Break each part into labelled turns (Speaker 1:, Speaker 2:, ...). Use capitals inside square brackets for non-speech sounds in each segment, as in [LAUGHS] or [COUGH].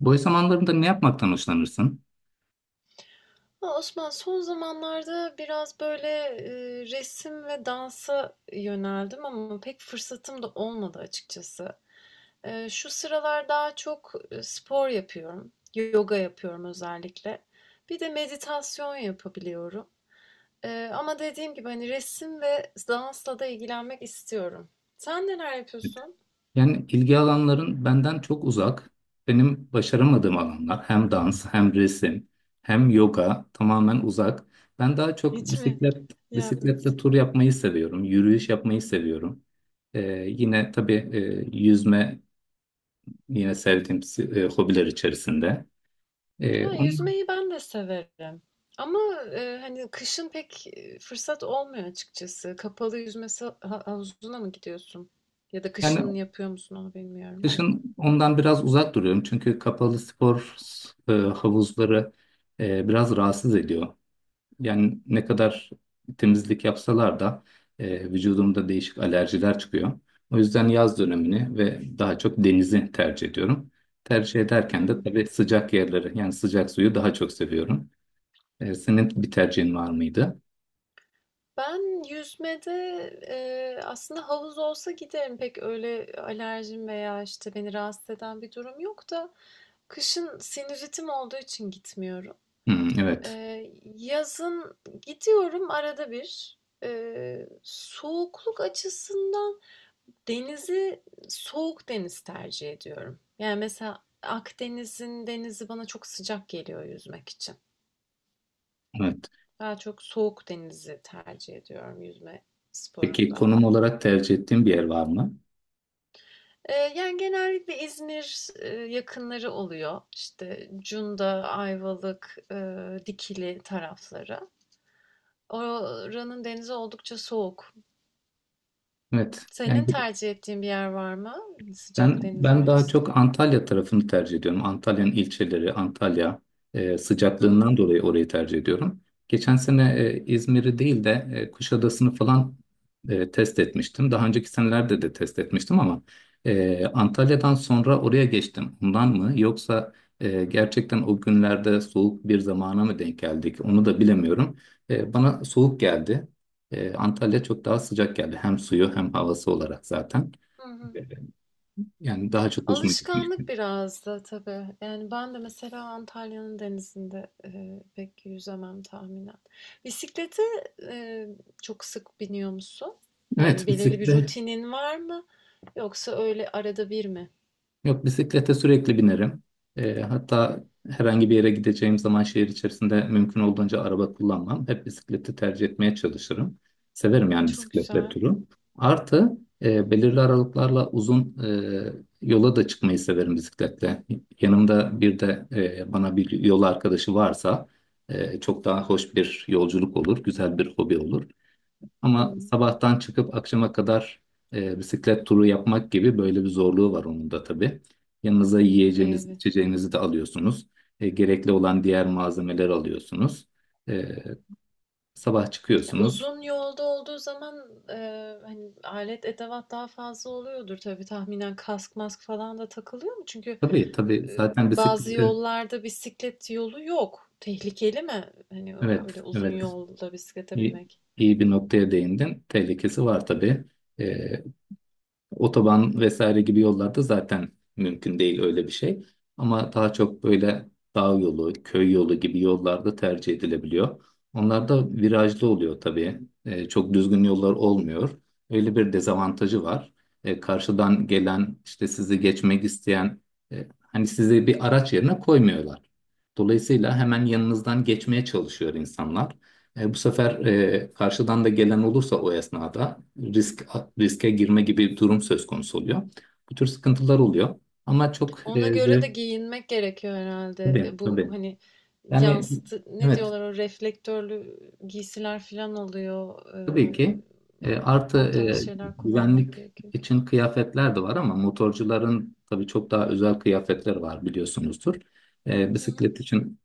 Speaker 1: Boş zamanlarında ne yapmaktan hoşlanırsın?
Speaker 2: Osman son zamanlarda biraz böyle resim ve dansa yöneldim ama pek fırsatım da olmadı açıkçası. Şu sıralar daha çok spor yapıyorum, yoga yapıyorum özellikle. Bir de meditasyon yapabiliyorum. Ama dediğim gibi hani resim ve dansla da ilgilenmek istiyorum. Sen neler yapıyorsun?
Speaker 1: Yani ilgi alanların benden çok uzak. Benim başaramadığım alanlar hem dans hem resim hem yoga tamamen uzak. Ben daha çok
Speaker 2: Hiç mi
Speaker 1: bisikletle
Speaker 2: yapmıyorsun?
Speaker 1: tur yapmayı seviyorum. Yürüyüş yapmayı seviyorum. Ee, Yine tabii yüzme yine sevdiğim hobiler içerisinde.
Speaker 2: Ha,
Speaker 1: Onun,
Speaker 2: yüzmeyi ben de severim. Ama hani kışın pek fırsat olmuyor açıkçası. Kapalı yüzme havuzuna mı gidiyorsun? Ya da
Speaker 1: yani
Speaker 2: kışın yapıyor musun onu bilmiyorum da.
Speaker 1: Kışın ondan biraz uzak duruyorum. Çünkü kapalı spor havuzları biraz rahatsız ediyor. Yani ne kadar temizlik yapsalar da vücudumda değişik alerjiler çıkıyor. O yüzden yaz dönemini ve daha çok denizi tercih ediyorum. Tercih
Speaker 2: Hı
Speaker 1: ederken de
Speaker 2: hı.
Speaker 1: tabii sıcak yerleri yani sıcak suyu daha çok seviyorum. Senin bir tercihin var mıydı?
Speaker 2: Ben yüzmede aslında havuz olsa giderim. Pek öyle alerjim veya işte beni rahatsız eden bir durum yok da kışın sinüzitim olduğu için gitmiyorum.
Speaker 1: Hmm, evet.
Speaker 2: Yazın gidiyorum arada bir. E, soğukluk açısından Denizi, soğuk deniz tercih ediyorum. Yani mesela Akdeniz'in denizi bana çok sıcak geliyor yüzmek için.
Speaker 1: Evet.
Speaker 2: Daha çok soğuk denizi tercih ediyorum yüzme
Speaker 1: Peki
Speaker 2: sporunda.
Speaker 1: konum olarak tercih ettiğin bir yer var mı?
Speaker 2: Yani genellikle İzmir yakınları oluyor. İşte Cunda, Ayvalık, Dikili tarafları. Oranın denizi oldukça soğuk.
Speaker 1: Evet. Yani
Speaker 2: Senin tercih ettiğin bir yer var mı? Sıcak
Speaker 1: Ben
Speaker 2: denizler
Speaker 1: ben daha
Speaker 2: açısından.
Speaker 1: çok Antalya tarafını tercih ediyorum. Antalya'nın ilçeleri, Antalya
Speaker 2: Hı,
Speaker 1: sıcaklığından dolayı orayı tercih ediyorum. Geçen sene İzmir'i değil de Kuşadası'nı falan test etmiştim. Daha önceki senelerde de test etmiştim ama Antalya'dan sonra oraya geçtim. Ondan mı? Yoksa gerçekten o günlerde soğuk bir zamana mı denk geldik? Onu da bilemiyorum. Bana soğuk geldi. Antalya çok daha sıcak geldi. Hem suyu hem havası olarak zaten.
Speaker 2: hı, hı.
Speaker 1: Yani daha çok hoşuma gitmişti.
Speaker 2: Alışkanlık biraz da tabii. Yani ben de mesela Antalya'nın denizinde pek yüzemem tahminen. Bisiklete e, çok sık biniyor musun? Yani
Speaker 1: Evet,
Speaker 2: belirli bir
Speaker 1: bisiklet.
Speaker 2: rutinin var mı? Yoksa öyle arada bir mi?
Speaker 1: Yok, bisiklete sürekli binerim. Hatta herhangi bir yere gideceğim zaman şehir içerisinde mümkün olduğunca araba kullanmam. Hep bisikleti tercih etmeye çalışırım. Severim yani
Speaker 2: Çok
Speaker 1: bisikletle
Speaker 2: güzel.
Speaker 1: turu. Artı belirli aralıklarla uzun yola da çıkmayı severim bisikletle. Yanımda bir de bana bir yol arkadaşı varsa çok daha hoş bir yolculuk olur, güzel bir hobi olur. Ama
Speaker 2: Hmm,
Speaker 1: sabahtan çıkıp akşama kadar bisiklet turu yapmak gibi böyle bir zorluğu var onun da tabii. Yanınıza yiyeceğiniz,
Speaker 2: evet.
Speaker 1: içeceğinizi de alıyorsunuz. Gerekli olan diğer malzemeleri alıyorsunuz. E, Sabah
Speaker 2: Ya
Speaker 1: çıkıyorsunuz.
Speaker 2: uzun yolda olduğu zaman hani alet edevat daha fazla oluyordur tabii tahminen kask mask falan da takılıyor mu? Çünkü
Speaker 1: Tabii tabii,
Speaker 2: e,
Speaker 1: zaten
Speaker 2: bazı
Speaker 1: bisiklette
Speaker 2: yollarda bisiklet yolu yok. Tehlikeli mi? Hani
Speaker 1: evet
Speaker 2: öyle uzun
Speaker 1: evet,
Speaker 2: yolda bisiklete
Speaker 1: iyi,
Speaker 2: binmek.
Speaker 1: iyi bir noktaya değindin. Tehlikesi var tabii. E, Otoban vesaire gibi yollarda zaten mümkün değil öyle bir şey. Ama daha çok böyle dağ yolu, köy yolu gibi yollarda tercih edilebiliyor. Onlar da virajlı oluyor tabii. Çok düzgün yollar olmuyor. Öyle bir
Speaker 2: Hmm.
Speaker 1: dezavantajı var. Karşıdan gelen işte sizi geçmek isteyen hani sizi bir araç yerine koymuyorlar. Dolayısıyla hemen yanınızdan geçmeye çalışıyor insanlar. Bu sefer karşıdan da gelen olursa o esnada riske girme gibi bir durum söz konusu oluyor. Bu tür sıkıntılar oluyor. Ama çok
Speaker 2: Ona göre de
Speaker 1: zevk,
Speaker 2: giyinmek gerekiyor herhalde.
Speaker 1: tabii
Speaker 2: E, bu
Speaker 1: tabii.
Speaker 2: hani
Speaker 1: Yani
Speaker 2: yansıtı ne
Speaker 1: evet,
Speaker 2: diyorlar o reflektörlü giysiler falan oluyor. E,
Speaker 1: tabii ki. Artı
Speaker 2: o tarz şeyler kullanmak
Speaker 1: güvenlik
Speaker 2: gerekiyor.
Speaker 1: için kıyafetler de var ama motorcuların tabii çok daha özel kıyafetleri var biliyorsunuzdur.
Speaker 2: Hı hı.
Speaker 1: Bisiklet için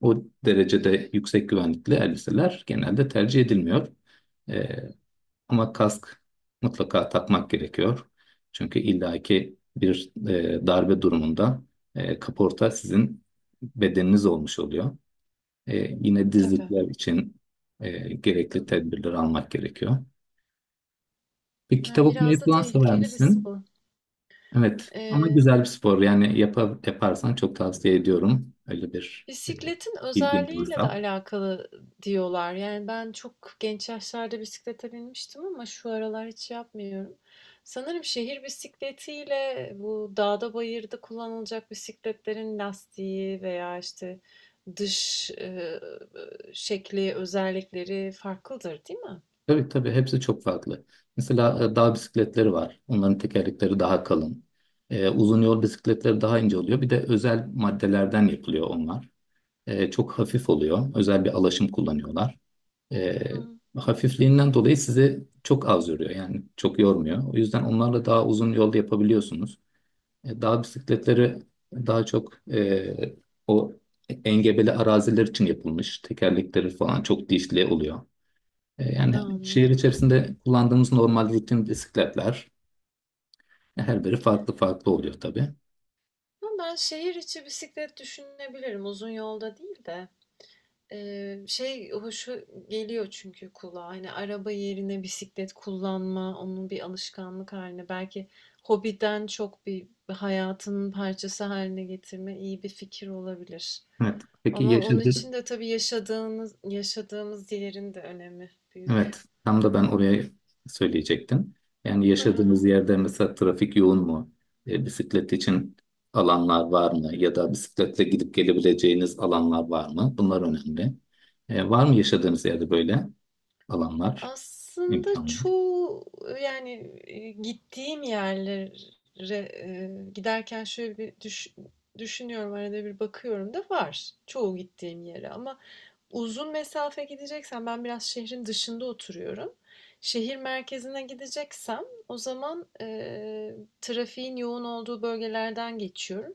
Speaker 1: o derecede yüksek güvenlikli elbiseler genelde tercih edilmiyor. E, Ama kask mutlaka takmak gerekiyor. Çünkü illaki bir darbe durumunda kaporta sizin bedeniniz olmuş oluyor. E, Yine
Speaker 2: Tabii.
Speaker 1: dizlikler için
Speaker 2: Hı
Speaker 1: gerekli
Speaker 2: hı.
Speaker 1: tedbirleri almak gerekiyor. Bir kitap
Speaker 2: Yani biraz
Speaker 1: okumayı
Speaker 2: da
Speaker 1: falan sever
Speaker 2: tehlikeli bir
Speaker 1: misin?
Speaker 2: spor.
Speaker 1: Evet ama
Speaker 2: E,
Speaker 1: güzel bir spor yani yaparsan çok tavsiye ediyorum. Öyle bir
Speaker 2: bisikletin
Speaker 1: bilgin
Speaker 2: özelliğiyle de
Speaker 1: varsa.
Speaker 2: alakalı diyorlar. Yani ben çok genç yaşlarda bisiklete binmiştim ama şu aralar hiç yapmıyorum. Sanırım şehir bisikletiyle bu dağda bayırda kullanılacak bisikletlerin lastiği veya işte dış şekli özellikleri farklıdır, değil mi?
Speaker 1: Tabii tabii, hepsi çok farklı. Mesela dağ bisikletleri var. Onların tekerlekleri daha kalın. Uzun yol bisikletleri daha ince oluyor. Bir de özel maddelerden yapılıyor onlar. Çok hafif oluyor. Özel bir alaşım kullanıyorlar. E,
Speaker 2: Hı,
Speaker 1: Hafifliğinden dolayı sizi çok az yoruyor. Yani çok yormuyor. O yüzden onlarla daha uzun yolda yapabiliyorsunuz. Dağ bisikletleri daha çok e, o engebeli araziler için yapılmış. Tekerlekleri falan çok dişli oluyor. Yani
Speaker 2: anladım.
Speaker 1: şehir içerisinde kullandığımız normal rutin bisikletler, her biri farklı farklı oluyor tabii.
Speaker 2: Ama ben şehir içi bisiklet düşünebilirim. Uzun yolda değil de. Şey hoşu geliyor çünkü kulağa. Hani araba yerine bisiklet kullanma, onun bir alışkanlık haline, belki hobiden çok bir hayatının parçası haline getirme iyi bir fikir olabilir.
Speaker 1: Evet. Peki
Speaker 2: Ama onun
Speaker 1: yaşadığı
Speaker 2: için de tabii yaşadığımız yerin de önemi
Speaker 1: evet
Speaker 2: büyük.
Speaker 1: tam da ben oraya söyleyecektim. Yani yaşadığınız
Speaker 2: [LAUGHS]
Speaker 1: yerde mesela trafik yoğun mu? Bisiklet için alanlar var mı? Ya da bisikletle gidip gelebileceğiniz alanlar var mı? Bunlar önemli. Var mı yaşadığınız yerde böyle alanlar,
Speaker 2: Aslında
Speaker 1: imkanlar?
Speaker 2: çoğu yani, gittiğim yerlere, giderken şöyle bir düşünüyorum, arada bir bakıyorum da var çoğu gittiğim yere ama uzun mesafe gideceksem ben biraz şehrin dışında oturuyorum. Şehir merkezine gideceksem o zaman, trafiğin yoğun olduğu bölgelerden geçiyorum.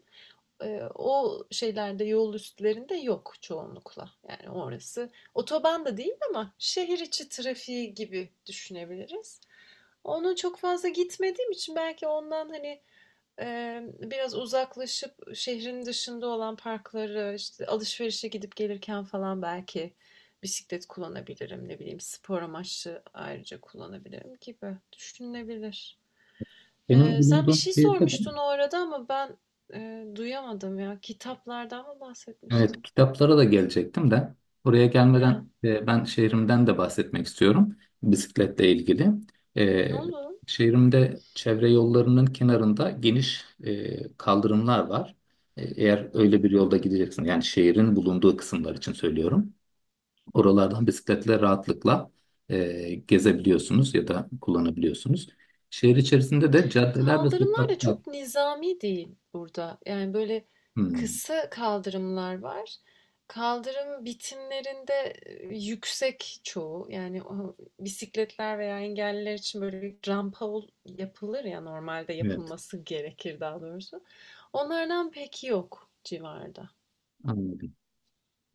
Speaker 2: O şeylerde, yol üstlerinde yok çoğunlukla. Yani orası otoban da değil ama şehir içi trafiği gibi düşünebiliriz. Onun çok fazla gitmediğim için belki ondan hani biraz uzaklaşıp şehrin dışında olan parkları, işte alışverişe gidip gelirken falan belki bisiklet kullanabilirim. Ne bileyim spor amaçlı ayrıca kullanabilirim gibi düşünülebilir.
Speaker 1: Benim
Speaker 2: Sen bir
Speaker 1: bulunduğum
Speaker 2: şey
Speaker 1: şehirde de
Speaker 2: sormuştun orada ama ben duyamadım ya. Kitaplardan mı
Speaker 1: Evet,
Speaker 2: bahsetmiştin?
Speaker 1: kitaplara da gelecektim de oraya
Speaker 2: He,
Speaker 1: gelmeden ben şehrimden de bahsetmek istiyorum bisikletle ilgili. E,
Speaker 2: olur.
Speaker 1: Şehrimde çevre yollarının kenarında geniş kaldırımlar var. Eğer
Speaker 2: Hmm.
Speaker 1: öyle bir yolda gideceksin, yani şehrin bulunduğu kısımlar için söylüyorum. Oralardan bisikletle rahatlıkla gezebiliyorsunuz ya da kullanabiliyorsunuz. Şehir içerisinde de caddeler ve
Speaker 2: Kaldırımlar da
Speaker 1: sokaklar.
Speaker 2: çok nizami değil burada. Yani böyle
Speaker 1: Hmm,
Speaker 2: kısa kaldırımlar var. Kaldırım bitimlerinde yüksek çoğu. Yani o bisikletler veya engelliler için böyle bir rampa yapılır ya normalde
Speaker 1: evet,
Speaker 2: yapılması gerekir daha doğrusu. Onlardan pek yok civarda.
Speaker 1: anladım.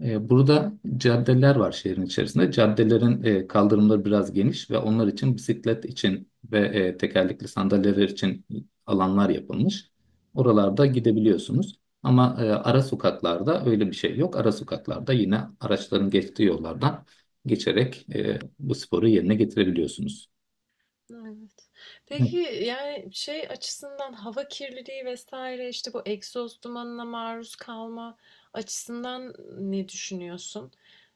Speaker 1: Burada caddeler var şehrin içerisinde. Caddelerin kaldırımları biraz geniş ve onlar için, bisiklet için ve tekerlekli sandalyeler için alanlar yapılmış. Oralarda
Speaker 2: Hmm.
Speaker 1: gidebiliyorsunuz. Ama ara sokaklarda öyle bir şey yok. Ara sokaklarda yine araçların geçtiği yollardan geçerek bu sporu yerine getirebiliyorsunuz.
Speaker 2: Evet.
Speaker 1: Evet,
Speaker 2: Peki yani şey açısından hava kirliliği vesaire işte bu egzoz dumanına maruz kalma açısından ne düşünüyorsun?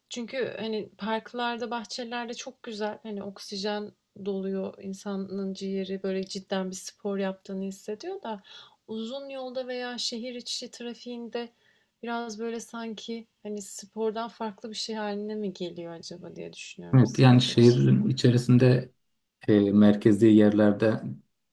Speaker 2: Çünkü hani parklarda, bahçelerde çok güzel hani oksijen doluyor insanın ciğeri böyle cidden bir spor yaptığını hissediyor da uzun yolda veya şehir içi trafiğinde biraz böyle sanki hani spordan farklı bir şey haline mi geliyor acaba diye düşünüyorum
Speaker 1: evet, yani
Speaker 2: bisiklet
Speaker 1: şehrin
Speaker 2: açısından.
Speaker 1: içerisinde merkezi yerlerde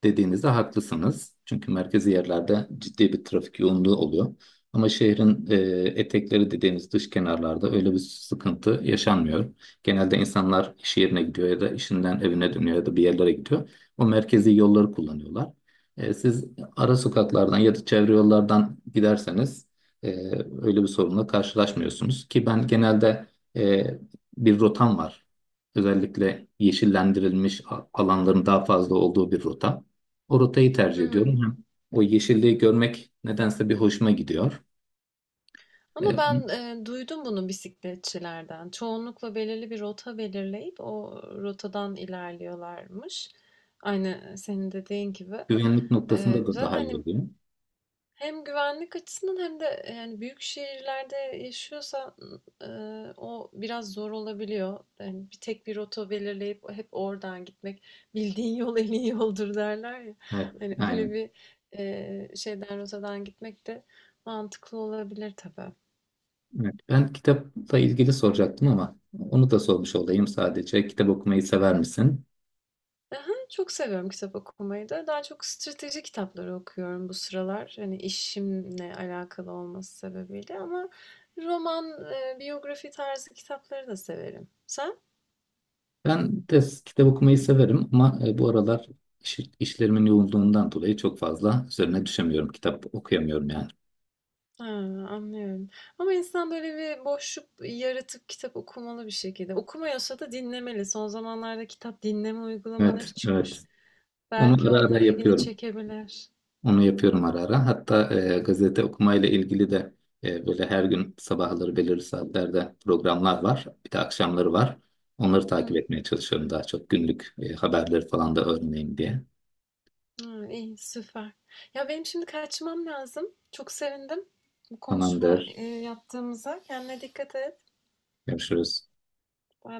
Speaker 1: dediğinizde haklısınız. Çünkü merkezi yerlerde ciddi bir trafik yoğunluğu oluyor. Ama şehrin etekleri dediğimiz dış kenarlarda öyle bir sıkıntı yaşanmıyor. Genelde insanlar iş yerine gidiyor ya da işinden evine dönüyor ya da bir yerlere gidiyor. O merkezi yolları kullanıyorlar. Siz ara sokaklardan ya da çevre yollardan giderseniz e, öyle bir sorunla karşılaşmıyorsunuz. Ki ben genelde e, bir rotam var. Özellikle yeşillendirilmiş alanların daha fazla olduğu bir rota. O rotayı tercih ediyorum. Hem o yeşilliği görmek nedense bir hoşuma gidiyor.
Speaker 2: Ama
Speaker 1: Ee,
Speaker 2: ben duydum bunu bisikletçilerden. Çoğunlukla belirli bir rota belirleyip o rotadan ilerliyorlarmış. Aynı senin dediğin gibi.
Speaker 1: Güvenlik noktasında da
Speaker 2: Zaten
Speaker 1: daha iyi
Speaker 2: hani
Speaker 1: oluyor.
Speaker 2: hem güvenlik açısından hem de yani büyük şehirlerde yaşıyorsan e, o biraz zor olabiliyor. Yani bir tek bir rota belirleyip hep oradan gitmek bildiğin yol en iyi yoldur derler ya.
Speaker 1: Evet,
Speaker 2: Hani öyle
Speaker 1: aynen.
Speaker 2: bir e, şeyden rotadan gitmek de mantıklı olabilir tabii.
Speaker 1: Evet. Ben kitapla ilgili soracaktım ama onu da sormuş olayım sadece. Kitap okumayı sever misin?
Speaker 2: Hı. Çok seviyorum kitap okumayı da. Daha çok strateji kitapları okuyorum bu sıralar. Hani işimle alakalı olması sebebiyle ama roman, biyografi tarzı kitapları da severim. Sen?
Speaker 1: Ben de kitap okumayı severim ama bu aralar işlerimin yoğunluğundan dolayı çok fazla üzerine düşemiyorum. Kitap okuyamıyorum yani.
Speaker 2: Ha, anlıyorum. Ama insan böyle bir boşluk yaratıp kitap okumalı bir şekilde. Okumuyorsa da dinlemeli. Son zamanlarda kitap dinleme uygulamaları
Speaker 1: Evet, evet.
Speaker 2: çıkmış.
Speaker 1: Onu
Speaker 2: Belki
Speaker 1: ara ara
Speaker 2: onlar ilgini
Speaker 1: yapıyorum.
Speaker 2: çekebilir.
Speaker 1: Onu yapıyorum ara ara. Hatta gazete okumayla ilgili de böyle her gün sabahları belirli saatlerde programlar var. Bir de akşamları var. Onları takip
Speaker 2: Hı.
Speaker 1: etmeye çalışıyorum daha çok, günlük haberleri falan da öğreneyim diye.
Speaker 2: Hımm, iyi, süper. Ya, benim şimdi kaçmam lazım. Çok sevindim bu konuşma,
Speaker 1: Tamamdır.
Speaker 2: eee, yaptığımıza. Kendine dikkat et.
Speaker 1: Görüşürüz.
Speaker 2: Bay